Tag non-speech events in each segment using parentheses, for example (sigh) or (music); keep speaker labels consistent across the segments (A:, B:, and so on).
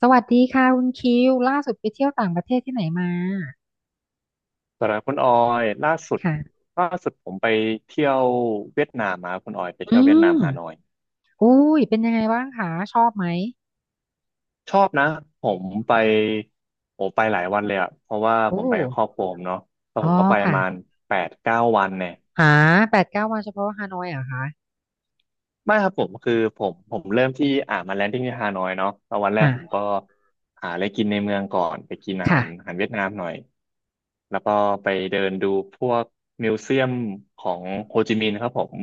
A: สวัสดีค่ะคุณคิวล่าสุดไปเที่ยวต่างประเทศที่ไหนมา
B: สำหรับคุณออยล่าสุด
A: ค่ะ
B: ผมไปเที่ยวเวียดนามมาครับคุณออยไป
A: อื
B: เที่ยวเวียดนาม
A: ม
B: ฮานอย
A: อุ้ยเป็นยังไงบ้างคะชอบไหม
B: ชอบนะผมไปโอ้ไปหลายวันเลยอะเพราะว่า
A: โอ้
B: ผมไปกับครอบครัวผมเนาะแล้ว
A: อ๋
B: ผ
A: อ
B: มก็ไปประ
A: ค่ะ
B: มาณ8-9 วันเนี่ย
A: หาแปดเก้าวันเฉพาะฮานอยเหรอคะ
B: ไม่ครับผมคือผมเริ่มที่มาแลนดิ้งที่ฮานอยเนาะแล้ววันแรกผม
A: อ่า
B: ก็หาอะไรกินในเมืองก่อนไปกินอาหา
A: ค่ะ
B: รเวียดนามหน่อย แล้วก็ไปเดินดูพวกมิวเซียมของโฮจิมินห์ครับผม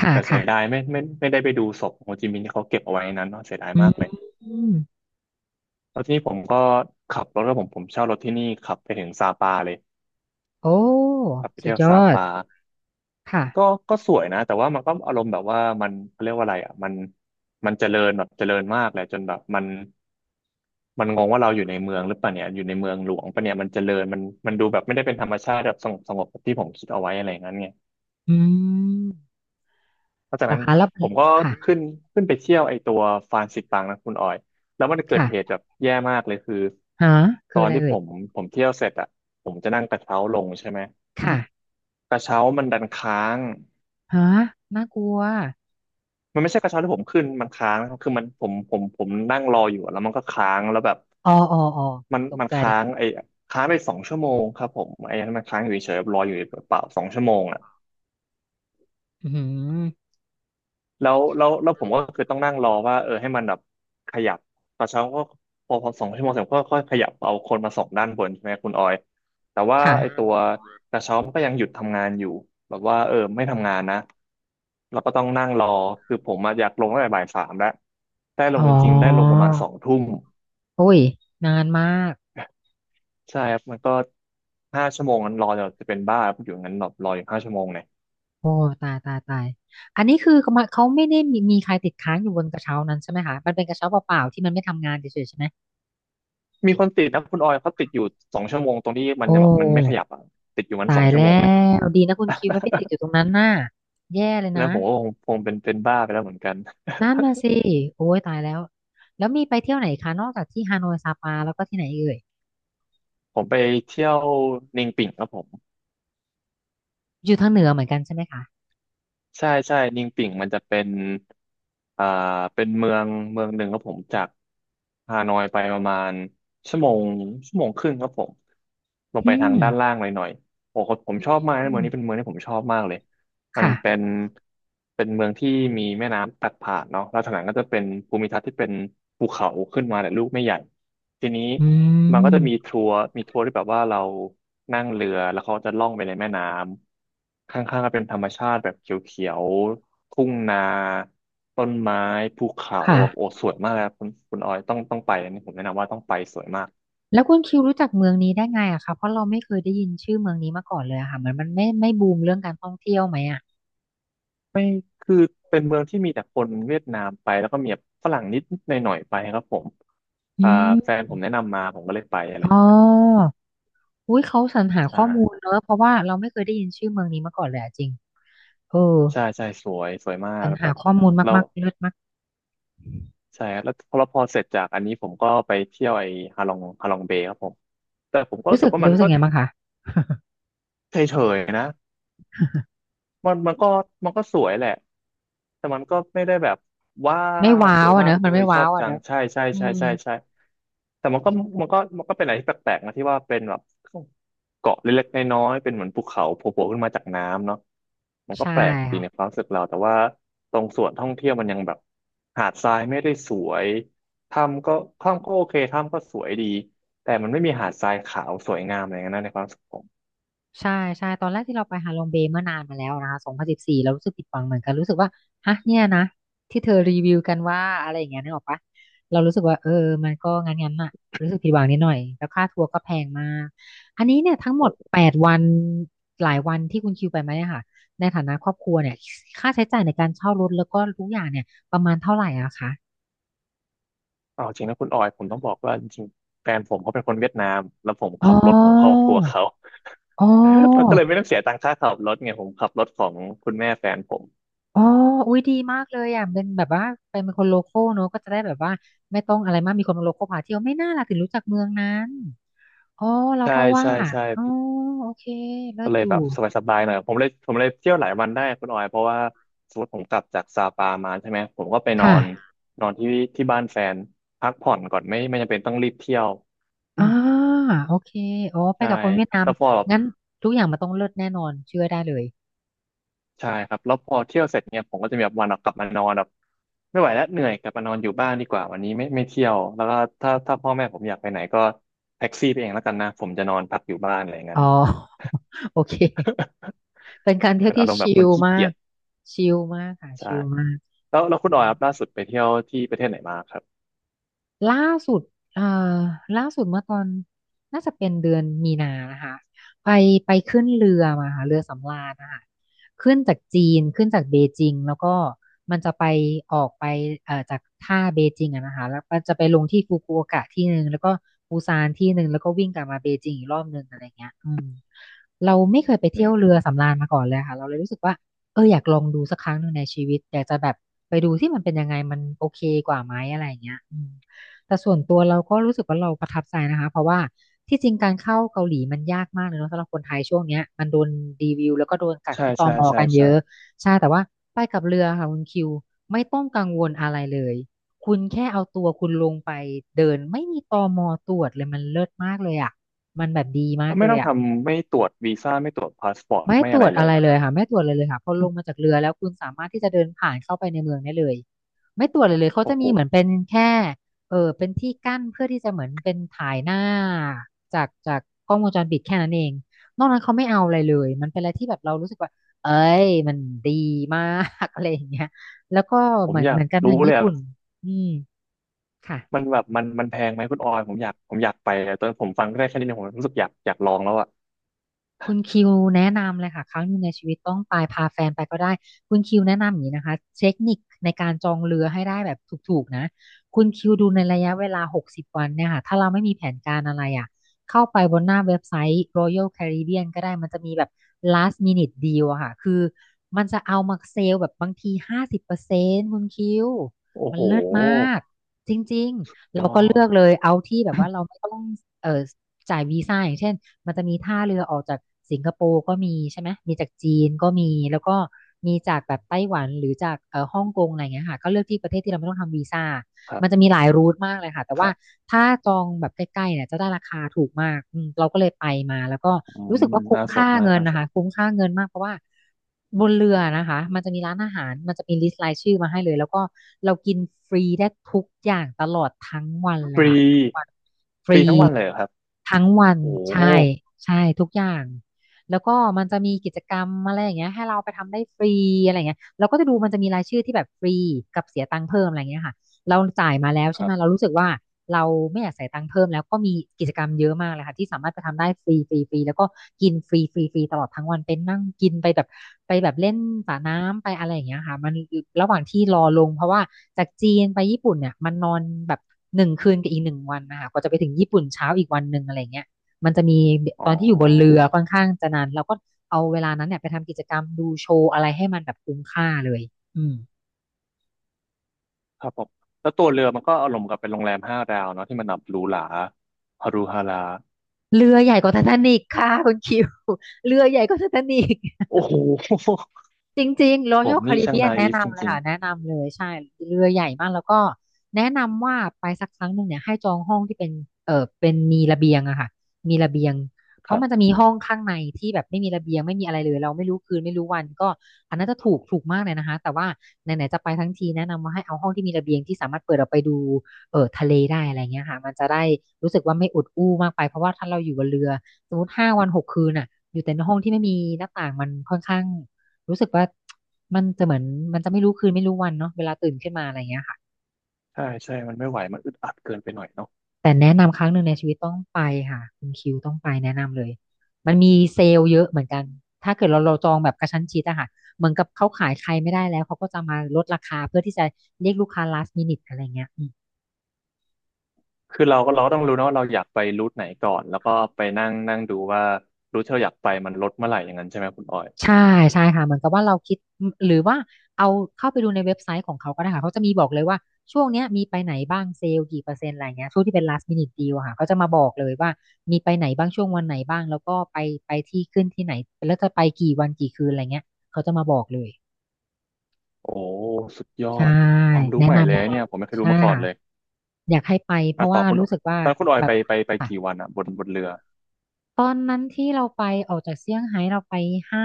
A: ค่ะ
B: แต่เสียดาย
A: ค่ะ
B: ไม่ไม่ได้ไปดูศพของโฮจิมินห์ที่เขาเก็บเอาไว้นนั้นเนาะเสียดาย
A: อื
B: มากเลย
A: ม
B: แล้วทีนี้ผมก็ขับรถแล้วผมเช่ารถที่นี่ขับไปถึงซาปาเลย
A: โอ้
B: ขับไป
A: สุ
B: เที่
A: ด
B: ยว
A: ยอ
B: ซา
A: ด
B: ปา
A: ค่ะ
B: ก็สวยนะแต่ว่ามันก็อารมณ์แบบว่ามันเขาเรียกว่าอะไรอ่ะมันเจริญแบบเจริญมากเลยจนแบบมันงงว่าเราอยู่ในเมืองหรือเปล่าเนี่ยอยู่ในเมืองหลวงปะเนี่ยมันเจริญมันดูแบบไม่ได้เป็นธรรมชาติแบบสงบแบบที่ผมคิดเอาไว้อะไรอย่างนั้นไง
A: อืม
B: หลังจาก
A: รา
B: นั้น
A: คาแล้ว
B: ผมก็
A: ค่ะ
B: ขึ้นไปเที่ยวไอตัวฟานสิปังนะคุณออยแล้วมันเกิดเหตุ
A: ค่ะ
B: แบบแย่มากเลยคือ
A: ฮะ
B: ต
A: คือ
B: อ
A: อะ
B: น
A: ไร
B: ที่
A: เอ่
B: ผ
A: ย
B: มเที่ยวเสร็จอ่ะผมจะนั่งกระเช้าลงใช่ไหม
A: ค่ะ
B: กระเช้ามันดันค้าง
A: ฮะน่ากลัว
B: มันไม่ใช่กระเช้าที่ผมขึ้นมันค้างนะครับคือมันผมนั่งรออยู่แล้วมันก็ค้างแล้วแบบ
A: อ๋ออ๋ออ๋อ
B: มัน
A: ตกใจ
B: ค้างไอ้ค้างไปสองชั่วโมงครับผมไอ้นั้นมันค้างอยู่เฉยๆรออยู่เปล่าสองชั่วโมงอ่ะ
A: อืม
B: แล้วผมก็คือต้องนั่งรอว่าเออให้มันแบบขยับตอนเช้าก็พอสองชั่วโมงเสร็จก็ค่อยขยับเอาคนมาส่งด้านบนใช่ไหมคุณออยแต่ว่า
A: ค่ะ
B: ไอ้ตัวกระเช้ามันก็ยังหยุดทำงานอยู่แบบว่าเออไม่ทำงานนะเราก็ต้องนั่งรอคือผมอะอยากลงตั้งแต่บ่าย 3แล้วได้ล
A: อ๋
B: ง
A: อ
B: จริงๆได้ลงประมาณ2 ทุ่ม
A: โอ้ยนานมาก
B: ใช่ครับมันก็ห้าชั่วโมงนั้นรอจะเป็นบ้าอยู่งั้นแบบรออยู่ห้าชั่วโมงเนี่ย
A: โอ้ตายตายตายอันนี้คือเขามาเขาไม่ได้มีใครติดค้างอยู่บนกระเช้านั้นใช่ไหมคะมันเป็นกระเช้าเปล่าๆที่มันไม่ทำงานเฉยๆใช่ไหม
B: มีคนติดนะคุณออยเขาติดอยู่สองชั่วโมงตรงที่มัน
A: โอ้
B: ยังแบบมันไม่ขยับอะติดอยู่มันส
A: ตา
B: อง
A: ย
B: ชั่วโมง
A: แล้
B: เลย
A: วดีนะคุณคิวไม่ไปติดอยู่ตรงนั้นน่ะแย่เลย
B: อันนั้
A: นะ
B: นผมก็คงเป็นบ้าไปแล้วเหมือนกัน
A: นั่นน่ะสิโอ้ยตายแล้วแล้วมีไปเที่ยวไหนคะนอกจากที่ฮานอยซาปาแล้วก็ที่ไหนเอ่ย
B: (laughs) ผมไปเที่ยวนิงปิ่งครับผม
A: อยู่ทางเหนือเหมือนกันใช่ไหมคะ
B: ใช่ใช่นิงปิ่งมันจะเป็นอ่าเป็นเมืองหนึ่งครับผมจากฮานอยไปประมาณชั่วโมงครึ่งครับผมลง
A: อื
B: ไปทาง
A: ม
B: ด้านล่างหน่อยโอ้โหผมชอบมากนะ
A: อื
B: เมืองนี้เป็นเมื
A: ม
B: องที่ผมชอบมากเลยมัน
A: ค่ะ
B: เป็นเมืองที่มีแม่น้ำตัดผ่านเนาะแล้วทางหลังก็จะเป็นภูมิทัศน์ที่เป็นภูเขาขึ้นมาแต่ลูกไม่ใหญ่ ทีนี้
A: อื
B: มันก็จะมี
A: ม
B: ทัวร์ที่แบบว่าเรานั่งเรือแล้วเขาจะล่องไปในแม่น้ำข้างๆก็เป็นธรรมชาติแบบเขียวๆทุ่งนาต้นไม้ภูเขา
A: ค่ะ
B: แบบโอ้สวยมากเลยครับคุณออยต้องไปอันนี้ผมแนะนำว่าต้องไปสวยมาก
A: แล้วคุณคิวรู้จักเมืองนี้ได้ไงอะคะเพราะเราไม่เคยได้ยินชื่อเมืองนี้มาก่อนเลยอะค่ะเหมือนมันไม่บูมเรื่องการท่องเที่ยวไหมอะ
B: คือเป็นเมืองที่มีแต่คนเวียดนามไปแล้วก็มีแบบฝรั่งนิดหน่อยๆไปครับผม
A: อื
B: อ่าแฟ
A: ม
B: นผมแนะนำมาผมก็เลยไปอะไรอ
A: อ๋
B: ย่างนั้น
A: ออุ้ยเขาสรรหา
B: ใช่
A: ข้อมูลเนอะเพราะว่าเราไม่เคยได้ยินชื่อเมืองนี้มาก่อนเลยอะจริงเออ
B: ใช่ใช่สวยสวยมา
A: ส
B: ก
A: รร
B: แบ
A: หา
B: บ
A: ข้อมูล
B: แล้ว
A: มากๆเลิศมาก
B: ใช่ครับแล้วพอเสร็จจากอันนี้ผมก็ไปเที่ยวไอ้ฮาลองเบย์ครับผมแต่ผมก็รู้
A: รู้
B: สึ
A: สึ
B: ก
A: ก
B: ว่ามัน
A: รู้สึ
B: ก็
A: กไงบ้างคะ (laughs)
B: เฉยๆนะ มันก็สวยแหละแต่มันก็ไม่ได้แบบว้า
A: ไม่
B: ว
A: ว้า
B: สว
A: ว
B: ย
A: อะ
B: มา
A: เน
B: ก
A: อะมั
B: เล
A: น
B: ย
A: ไม่
B: ชอ
A: ว้าว
B: บ
A: อะ
B: จั
A: เน
B: ง
A: อะ
B: ใช่ใช่
A: อื
B: ใช่
A: ม
B: ใช่ใช่แต่มันก็เป็นอะไรที่แปลกๆนะที่ว่าเป็นแบบเกาะเล็กๆน้อยๆเป็นเหมือนภูเขาโผล่ๆขึ้นมาจากน้ำเนาะมันก็
A: ใช่
B: แปลกดีในค
A: ค่ะ
B: วามรู้สึกเราแต่ว่าตรงส่วนท่องเที่ยวมันยังแบบหาดทรายไม่ได้สวยถ้ำก็โอเคถ้ำก็สวยดีแต่มันไม่มีหาดทรายขาวสวยงามอะไรอย่างนั้นนะในความรู้สึกผ
A: ใช่ใช่ตอนแรกที่เราไปฮาลอมเบย์เมื่อนานมาแล้วนะคะ2014เรารู้สึกผิดหวังเหมือนกันรู้สึกว่าฮะเนี่ยนะที่เธอรีวิวกันว่าอะไรอย่างเงี้ยนึกออกปะเรารู้สึกว่าเออมันก็งั้นงั้นอะรู้สึกผิดหวังนิดหน่อยแล้วค่าทัวร์ก็แพงมากอันนี้เนี่ยทั้งหมด
B: ม
A: แปดวันหลายวันที่คุณคิวไปมาเนี่ยค่ะในฐานะครอบครัวเนี่ยค่าใช้จ่ายในการเช่ารถแล้วก็ทุกอย่างเนี่ยประมาณเท่าไหร่อะคะ
B: เอาจริงนะคุณออยผมต้องบอกว่าจริงๆแฟนผมเขาเป็นคนเวียดนามแล้วผม
A: อ๋
B: ขับรถของครอบ
A: อ
B: ครัวเขา
A: อ๋อ
B: (laughs) มันก็เลยไม่ต้องเสียตังค่าขับรถไงผมขับรถของคุณแม่แฟนผม
A: อ๋ออุ้ยดีมากเลยอ่ะเป็นแบบว่าเป็นคนโลคอลเนอะก็จะได้แบบว่าไม่ต้องอะไรมากมีคนโลคอลพาเที่ยวไม่น่าล่ะถึงรู้จักเมืองนั้นอ๋อเรา
B: ใช่
A: ก็ว่า
B: ใช่ใช่
A: อ๋อโอเคเลิ
B: ก็
A: ศ
B: เลย
A: อยู่
B: แบบสบายๆหน่อยผมเลยเที่ยวหลายวันได้คุณออยเพราะว่าสมมติผมกลับจากซาปามาใช่ไหมผมก็ไปนอ
A: ค่ะ
B: นนอนที่บ้านแฟนพักผ่อนก่อนไม่จำเป็นต้องรีบเที่ยว
A: อ่า
B: (coughs)
A: โอเคอ๋อ
B: (clears throat)
A: ไป
B: ใช่
A: กับคนเวียดนาม
B: แล้วพอ
A: งั้นทุกอย่างมันต้องเลิศแน่นอนเชื่อได้เลย
B: ใช่ครับแล้วพอเที่ยวเสร็จเนี่ยผมก็จะมีแบบวันออกกลับมานอนแบบไม่ไหวแล้วเหนื่อยกลับมานอนอยู่บ้านดีกว่าวันนี้ไม่เที่ยวแล้วก็ถ้าพ่อแม่ผมอยากไปไหนก็แท็กซี่ไปเองแล้วกันนะผมจะนอนพักอยู่บ้านอะไรอย่าง
A: อ๋
B: นั้
A: อ
B: น
A: (laughs) โอเค
B: (laughs)
A: เป็นการเที่ย
B: เป็
A: ว
B: นอา
A: ที่
B: รมณ์แบ
A: ชิ
B: บคน
A: ล
B: ขี้
A: มา
B: เกีย
A: ก
B: จ
A: ชิลมากค่ะ
B: ใช่
A: ชิลมาก
B: แล้วคุณออยครับล่าสุดไปเที่ยวที่ประเทศไหนมาครับ
A: ล่าสุดเอ่อล่าสุดเมื่อตอนน่าจะเป็นเดือนมีนานะคะไปขึ้นเรือมาค่ะเรือสำราญนะคะขึ้นจากจีนขึ้นจากเบจิงแล้วก็มันจะไปออกไปจากท่าเบจิงอะนะคะแล้วก็จะไปลงที่ฟุกุโอกะที่หนึ่งแล้วก็ปูซานที่หนึ่งแล้วก็วิ่งกลับมาเบจิงอีกรอบหนึ่งอะไรเงี้ยอืมเราไม่เคยไป
B: อื
A: เที่ยว
B: ม
A: เรือสำราญมาก่อนเลยค่ะเราเลยรู้สึกว่าเอออยากลองดูสักครั้งหนึ่งในชีวิตอยากจะแบบไปดูที่มันเป็นยังไงมันโอเคกว่าไหมอะไรอย่างเงี้ยอืม แต่ส่วนตัวประทับใจนะคะเพราะว่าที่จริงการเข้าเกาหลีมันยากมากเลยเนาะสำหรับคนไทยช่วงเนี้ยมันโดนดีวิวแล้วก็โดนกัก
B: ใช่
A: ที่ต
B: ใช่
A: ม
B: ใช่
A: กันเย
B: ใช่
A: อะใช่แต่ว่าไปกับเรือค่ะคุณคิวไม่ต้องกังวลอะไรเลยคุณแค่เอาตัวคุณลงไปเดินไม่มีตมตรวจเลยมันเลิศมากเลยอ่ะมันแบบดีมา
B: อ
A: ก
B: ไม่
A: เลย
B: ต้อง
A: อ่ะ
B: ทำไม่ตรวจวีซ่าไม่ตรวจพาสปอร์ต
A: ไม่
B: ไม่
A: ตร
B: อะไร
A: วจ
B: เล
A: อะ
B: ย
A: ไร
B: เหรอ
A: เล
B: ค
A: ย
B: รั
A: ค่ะ
B: บ
A: ไม่ตรวจเลยค่ะพอลงมาจากเรือแล้วคุณสามารถที่จะเดินผ่านเข้าไปในเมืองได้เลยไม่ตรวจเลยเขา
B: โอ้
A: จะ
B: โห
A: มีเหมือนเป็นแค่เออเป็นที่กั้นเพื่อที่จะเหมือนเป็นถ่ายหน้าจากกล้องวงจรปิดแค่นั้นเองนอกนั้นเขาไม่เอาอะไรเลยมันเป็นอะไรที่แบบเรารู้สึกว่าเอ้ยมันดีมาก (laughs) อะไรอย่างเงี้ยแล้วก็
B: ผ
A: เห
B: ม
A: มือน
B: อยา
A: เห
B: ก
A: มือนกัน
B: รู้
A: ทาง
B: เล
A: ญี่
B: ยอะ
A: ปุ่นอืม
B: มั
A: ค่ะ
B: นแบบมันแพงไหมคุณออยผมอยากไปอะตอนผมฟังได้แค่นี้เนี่ยผมรู้สึกอยากลองแล้วอ่ะ
A: คุณคิวแนะนำเลยค่ะครั้งหนึงในชีวิตต้องไปพาแฟนไปก็ได้คุณคิวแนะนำอย่างนี้นะคะเทคนิคในการจองเรือให้ได้แบบถูกๆนะคุณคิวดูในระยะเวลา60วันเนี่ยค่ะถ้าเราไม่มีแผนการอะไรอ่ะเข้าไปบนหน้าเว็บไซต์ Royal Caribbean ก็ได้มันจะมีแบบ last minute deal อะค่ะคือมันจะเอามาเซลแบบบางที50%คุณคิว
B: โอ้
A: มัน
B: โห
A: เลิศมากจริงๆ
B: ย
A: เรา
B: อ
A: ก็เลือกเล
B: ด
A: ยเอาที่แบบว่าเราไม่ต้องเอ่อจ่ายวีซ่าอย่างเช่น มันจะมีท่าเรือออกจากสิงคโปร์ก็มีใช่ไหมมีจากจีนก็มีแล้วก็มีจากแบบไต้หวันหรือจากฮ่องกงอะไรเงี้ยค่ะก็เลือกที่ประเทศที่เราไม่ต้องทำวีซ่า
B: ครั
A: มันจะ
B: บ
A: มีหลายรูทมากเลยค่ะแต่
B: ค
A: ว่า
B: รับ
A: ถ้าจองแบบใกล้ๆเนี่ยจะได้ราคาถูกมากเราก็เลยไปมาแล้วก็
B: อื
A: รู้
B: ม
A: สึกว่าคุ้ม
B: น่าส
A: ค่า
B: นมาก
A: เงิน
B: น่า
A: นะ
B: สน
A: คะบนเรือนะคะมันจะมีร้านอาหารมันจะมีลิสต์รายชื่อมาให้เลยแล้วก็เรากินฟรีได้ทุกอย่างตลอดทั้งวันเล
B: ฟ
A: ย
B: รี
A: ค่ะ
B: ฟรีทั้งวันเลยเหรอครับ
A: ทั้งวัน
B: โอ้
A: ใช่ใช่ทุกอย่างแล้วก็มันจะมีกิจกรรมอะไรอย่างเงี้ยให้เราไปทำได้ฟรีอะไรอย่างเงี้ยเราก็จะดูมันจะมีรายชื่อที่แบบฟรีกับเสียตังค์เพิ่มอะไรอย่างเงี้ยค่ะ เราจ่ายมาแล้ว
B: ค
A: ใช่ไห
B: รั
A: มเรา
B: บ
A: รู้สึกว่าเราไม่อยากใส่ยตังค์เพิ่มแล้วก็มีกิจกรรมเยอะมากเลยค่ะที่สามารถไปทำได้ฟรีฟรีฟรีแล้วก็กินฟรีฟรีฟรีตลอดทั้งวันเป็นนั่งกินไปแบบไปแบบเล่นสระน้ำไปอะไรอย่างเงี้ยค่ะมันระหว่างที่รอลงเพราะว่าจากจีนไปญี่ปุ่นเนี่ยมันนอนแบบหนึ่งคืนกับอีกหนึ่งวันนะคะกว่าจะไปถึงญี่ปุ่นเช้าอีกวันหนึ่งอะไรเงี้ยมันจะมี
B: อ๋อ
A: ตอนที่อยู่บนเรือค่อนข้างจะนานเราก็เอาเวลานั้นเนี่ยไปทำกิจกรรมดูโชว์อะไรให้มันแบบคุ้มค่าเลยอืม
B: ครับผมแล้วตัวเรือมันก็อารมณ์กับเป็นโรงแรมห้าดาวเนาะที่มันแบบหรูหราฮารุฮารา
A: เรือใหญ่กว่าไททานิคค่ะคุณคิว (laughs) เรือใหญ่กว่าไททานิค
B: โอ้โห
A: จริงๆ
B: (laughs) ผม
A: Royal
B: นี่ช่าง
A: Caribbean
B: นา
A: แนะ
B: อีฟจ
A: นำเลย
B: ริง
A: ค่ะแนะนำเลยใช่เรือใหญ่มากแล้วก็แนะนำว่าไปสักครั้งหนึ่งเนี่ยให้จองห้องที่เป็นเป็นมีระเบียงอะค่ะมีระเบียง
B: ๆ
A: เพ
B: ค
A: ราะ
B: รับ
A: มันจะมีห้องข้างในที่แบบไม่มีระเบียงไม่มีอะไรเลยเราไม่รู้คืนไม่รู้วันก็อันนั้นจะถูกถูกมากเลยนะคะแต่ว่าไหนๆจะไปทั้งทีแนะนำว่าให้เอาห้องที่มีระเบียงที่สามารถเปิดออกไปดูทะเลได้อะไรเงี้ยค่ะมันจะได้รู้สึกว่าไม่อุดอู้มากไปเพราะว่าถ้าเราอยู่บนเรือสมมติ5 วัน 6 คืนอะอยู่แต่ในห้องที่ไม่มีหน้าต่างมันค่อนข้าง รู้สึกว่ามันจะเหมือนมันจะไม่รู้คืนไม่รู้วันเนาะเวลาตื่นขึ้นมาอะไรเงี้ยค่ะ
B: ใช่ใช่มันไม่ไหวมันอึดอัดเกินไปหน่อยเนาะ
A: แต่แนะนำครั้งหนึ่งในชีวิตต้องไปค่ะคุณคิวต้องไปแนะนำเลยมันมีเซลล์เยอะเหมือนกันถ้าเกิดเราจองแบบกระชั้นชิดอะค่ะเหมือนกับเขาขายใครไม่ได้แล้วเขาก็จะมาลดราคาเพื่อที่จะเรียกลูกค้า last minute อะไรเงี้ย
B: คือเราก็ต้องรู้นะว่าเราอยากไปรูทไหนก่อนแล้วก็ไปนั่งนั่งดูว่ารูทที่เราอยากไปมันลดเมื่อไหร่อย่างนั้นใช่ไหมคุณออย
A: ใช่ใช่ค่ะเหมือนกับว่าเราคิดหรือว่าเอาเข้าไปดูในเว็บไซต์ของเขาก็ได้ค่ะเขาจะมีบอกเลยว่าช่วงเนี้ยมีไปไหนบ้างเซลล์กี่เปอร์เซ็นต์อะไรเงี้ยช่วงที่เป็น last minute deal อะค่ะเขาจะมาบอกเลยว่ามีไปไหนบ้างช่วงวันไหนบ้างแล้วก็ไปที่ขึ้นที่ไหนแล้วจะไปกี่วันกี่คืนอะไรเงี้ยเขาจะมาบอกเลย
B: โอ้สุดยอ
A: ใช่
B: ดความรู้
A: แนะ
B: ใหม่เล
A: นำ
B: ย
A: แนะน
B: เนี่ยผมไม่เค
A: ำ
B: ย
A: ใช่
B: รู้มาก่อน
A: ค่ะ
B: เลย
A: อยากให้ไปเพ
B: อ่ะ
A: ราะ
B: ต่อ
A: ว่า
B: คุณ
A: รู้สึกว่า
B: ตอนคุณออย
A: แบ
B: ไป
A: บ
B: ไปไป
A: ค่ะ
B: กี่วันอ่ะบนเรือ
A: ตอนนั้นที่เราไปออกจากเซี่ยงไฮ้เราไปห้า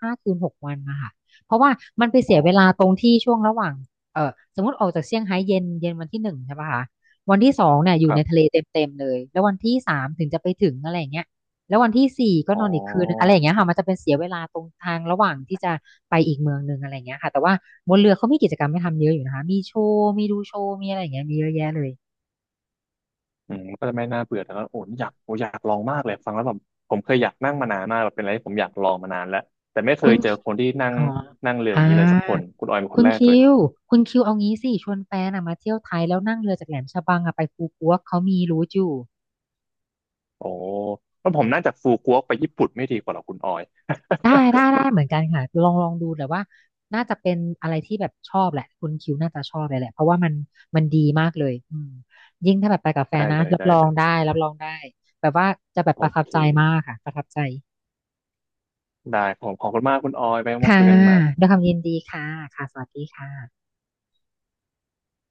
A: ห้าคืนหกวันนะคะเพราะว่ามันไป
B: อ๋อ
A: เสียเวลาตรงที่ช่วงระหว่างสมมติออกจากเซี่ยงไฮ้เย็นเย็นวันที่หนึ่งใช่ปะคะวันที่สองเนี่ยอ
B: ค
A: ยู่
B: รั
A: ในทะเล
B: บ
A: เต็มเต็มเลยแล้ววันที่สามถึงจะไปถึงอะไรอย่างเงี้ยแล้ววันที่สี่ก็น
B: อ๋
A: อนอีกคืนอะไร
B: อ
A: อย่างเงี้ยค่ะมันจะเป็นเสียเวลาตรงทางระหว่างที่จะไปอีกเมืองหนึ่งอะไรอย่างเงี้ยค่ะแต่ว่าบนเรือเขามีกิจกรรมให้ทำเยอะอยู่นะคะมีโชว์มีดูโชว์มีอะไรอย่างเงี้ยมีเยอะแยะเลย
B: อืมก็จะไม่น่าเบื่อแต่ก็โอ้อยากลองมากเลยฟังแล้วแบบผมเคยอยากนั่งมานานมากแบบเป็นอะไรที่ผมอยากลองมานานแล้วแต่ไม่เค
A: คุ
B: ย
A: ณ
B: เจอคนที่นั่ง
A: อ๋อ
B: นั่งเรืออย่า
A: อ่า
B: งนี้เลยสักคนคุณออยเป็นค
A: คุ
B: น
A: ณ
B: แรกเล
A: คิ
B: ย
A: วคุณคิวเอางี้สิชวนแฟนอะมาเที่ยวไทยแล้วนั่งเรือจากแหลมฉบังอะไปภูกัวเขามีรู้อยู่
B: โอ้แล้วผมน่าจะฟูกัวไปญี่ปุ่นไม่ดีกว่าหรอคุณออย
A: ได้ได้ได้เหมือนกันค่ะลองลองดูแต่ว่าน่าจะเป็นอะไรที่แบบชอบแหละคุณคิวน่าจะชอบเลยแหละเพราะว่ามันมันดีมากเลยยิ่งถ้าแบบไปกับ
B: (laughs)
A: แฟน
B: ได้
A: นะ
B: เลย
A: รับ
B: ได้
A: รอ
B: เล
A: งได้
B: ย
A: รับรองได้แบบว่าจะแบบ
B: โอ
A: ประทับ
B: เค
A: ใจมากค่ะประทับใจ
B: ได้ผมขอบคุณมากคุณออยไปมา
A: ค่ะ
B: คุยกันใหม่
A: ด้วยความยินดีค่ะค่ะสวัสดีค่ะ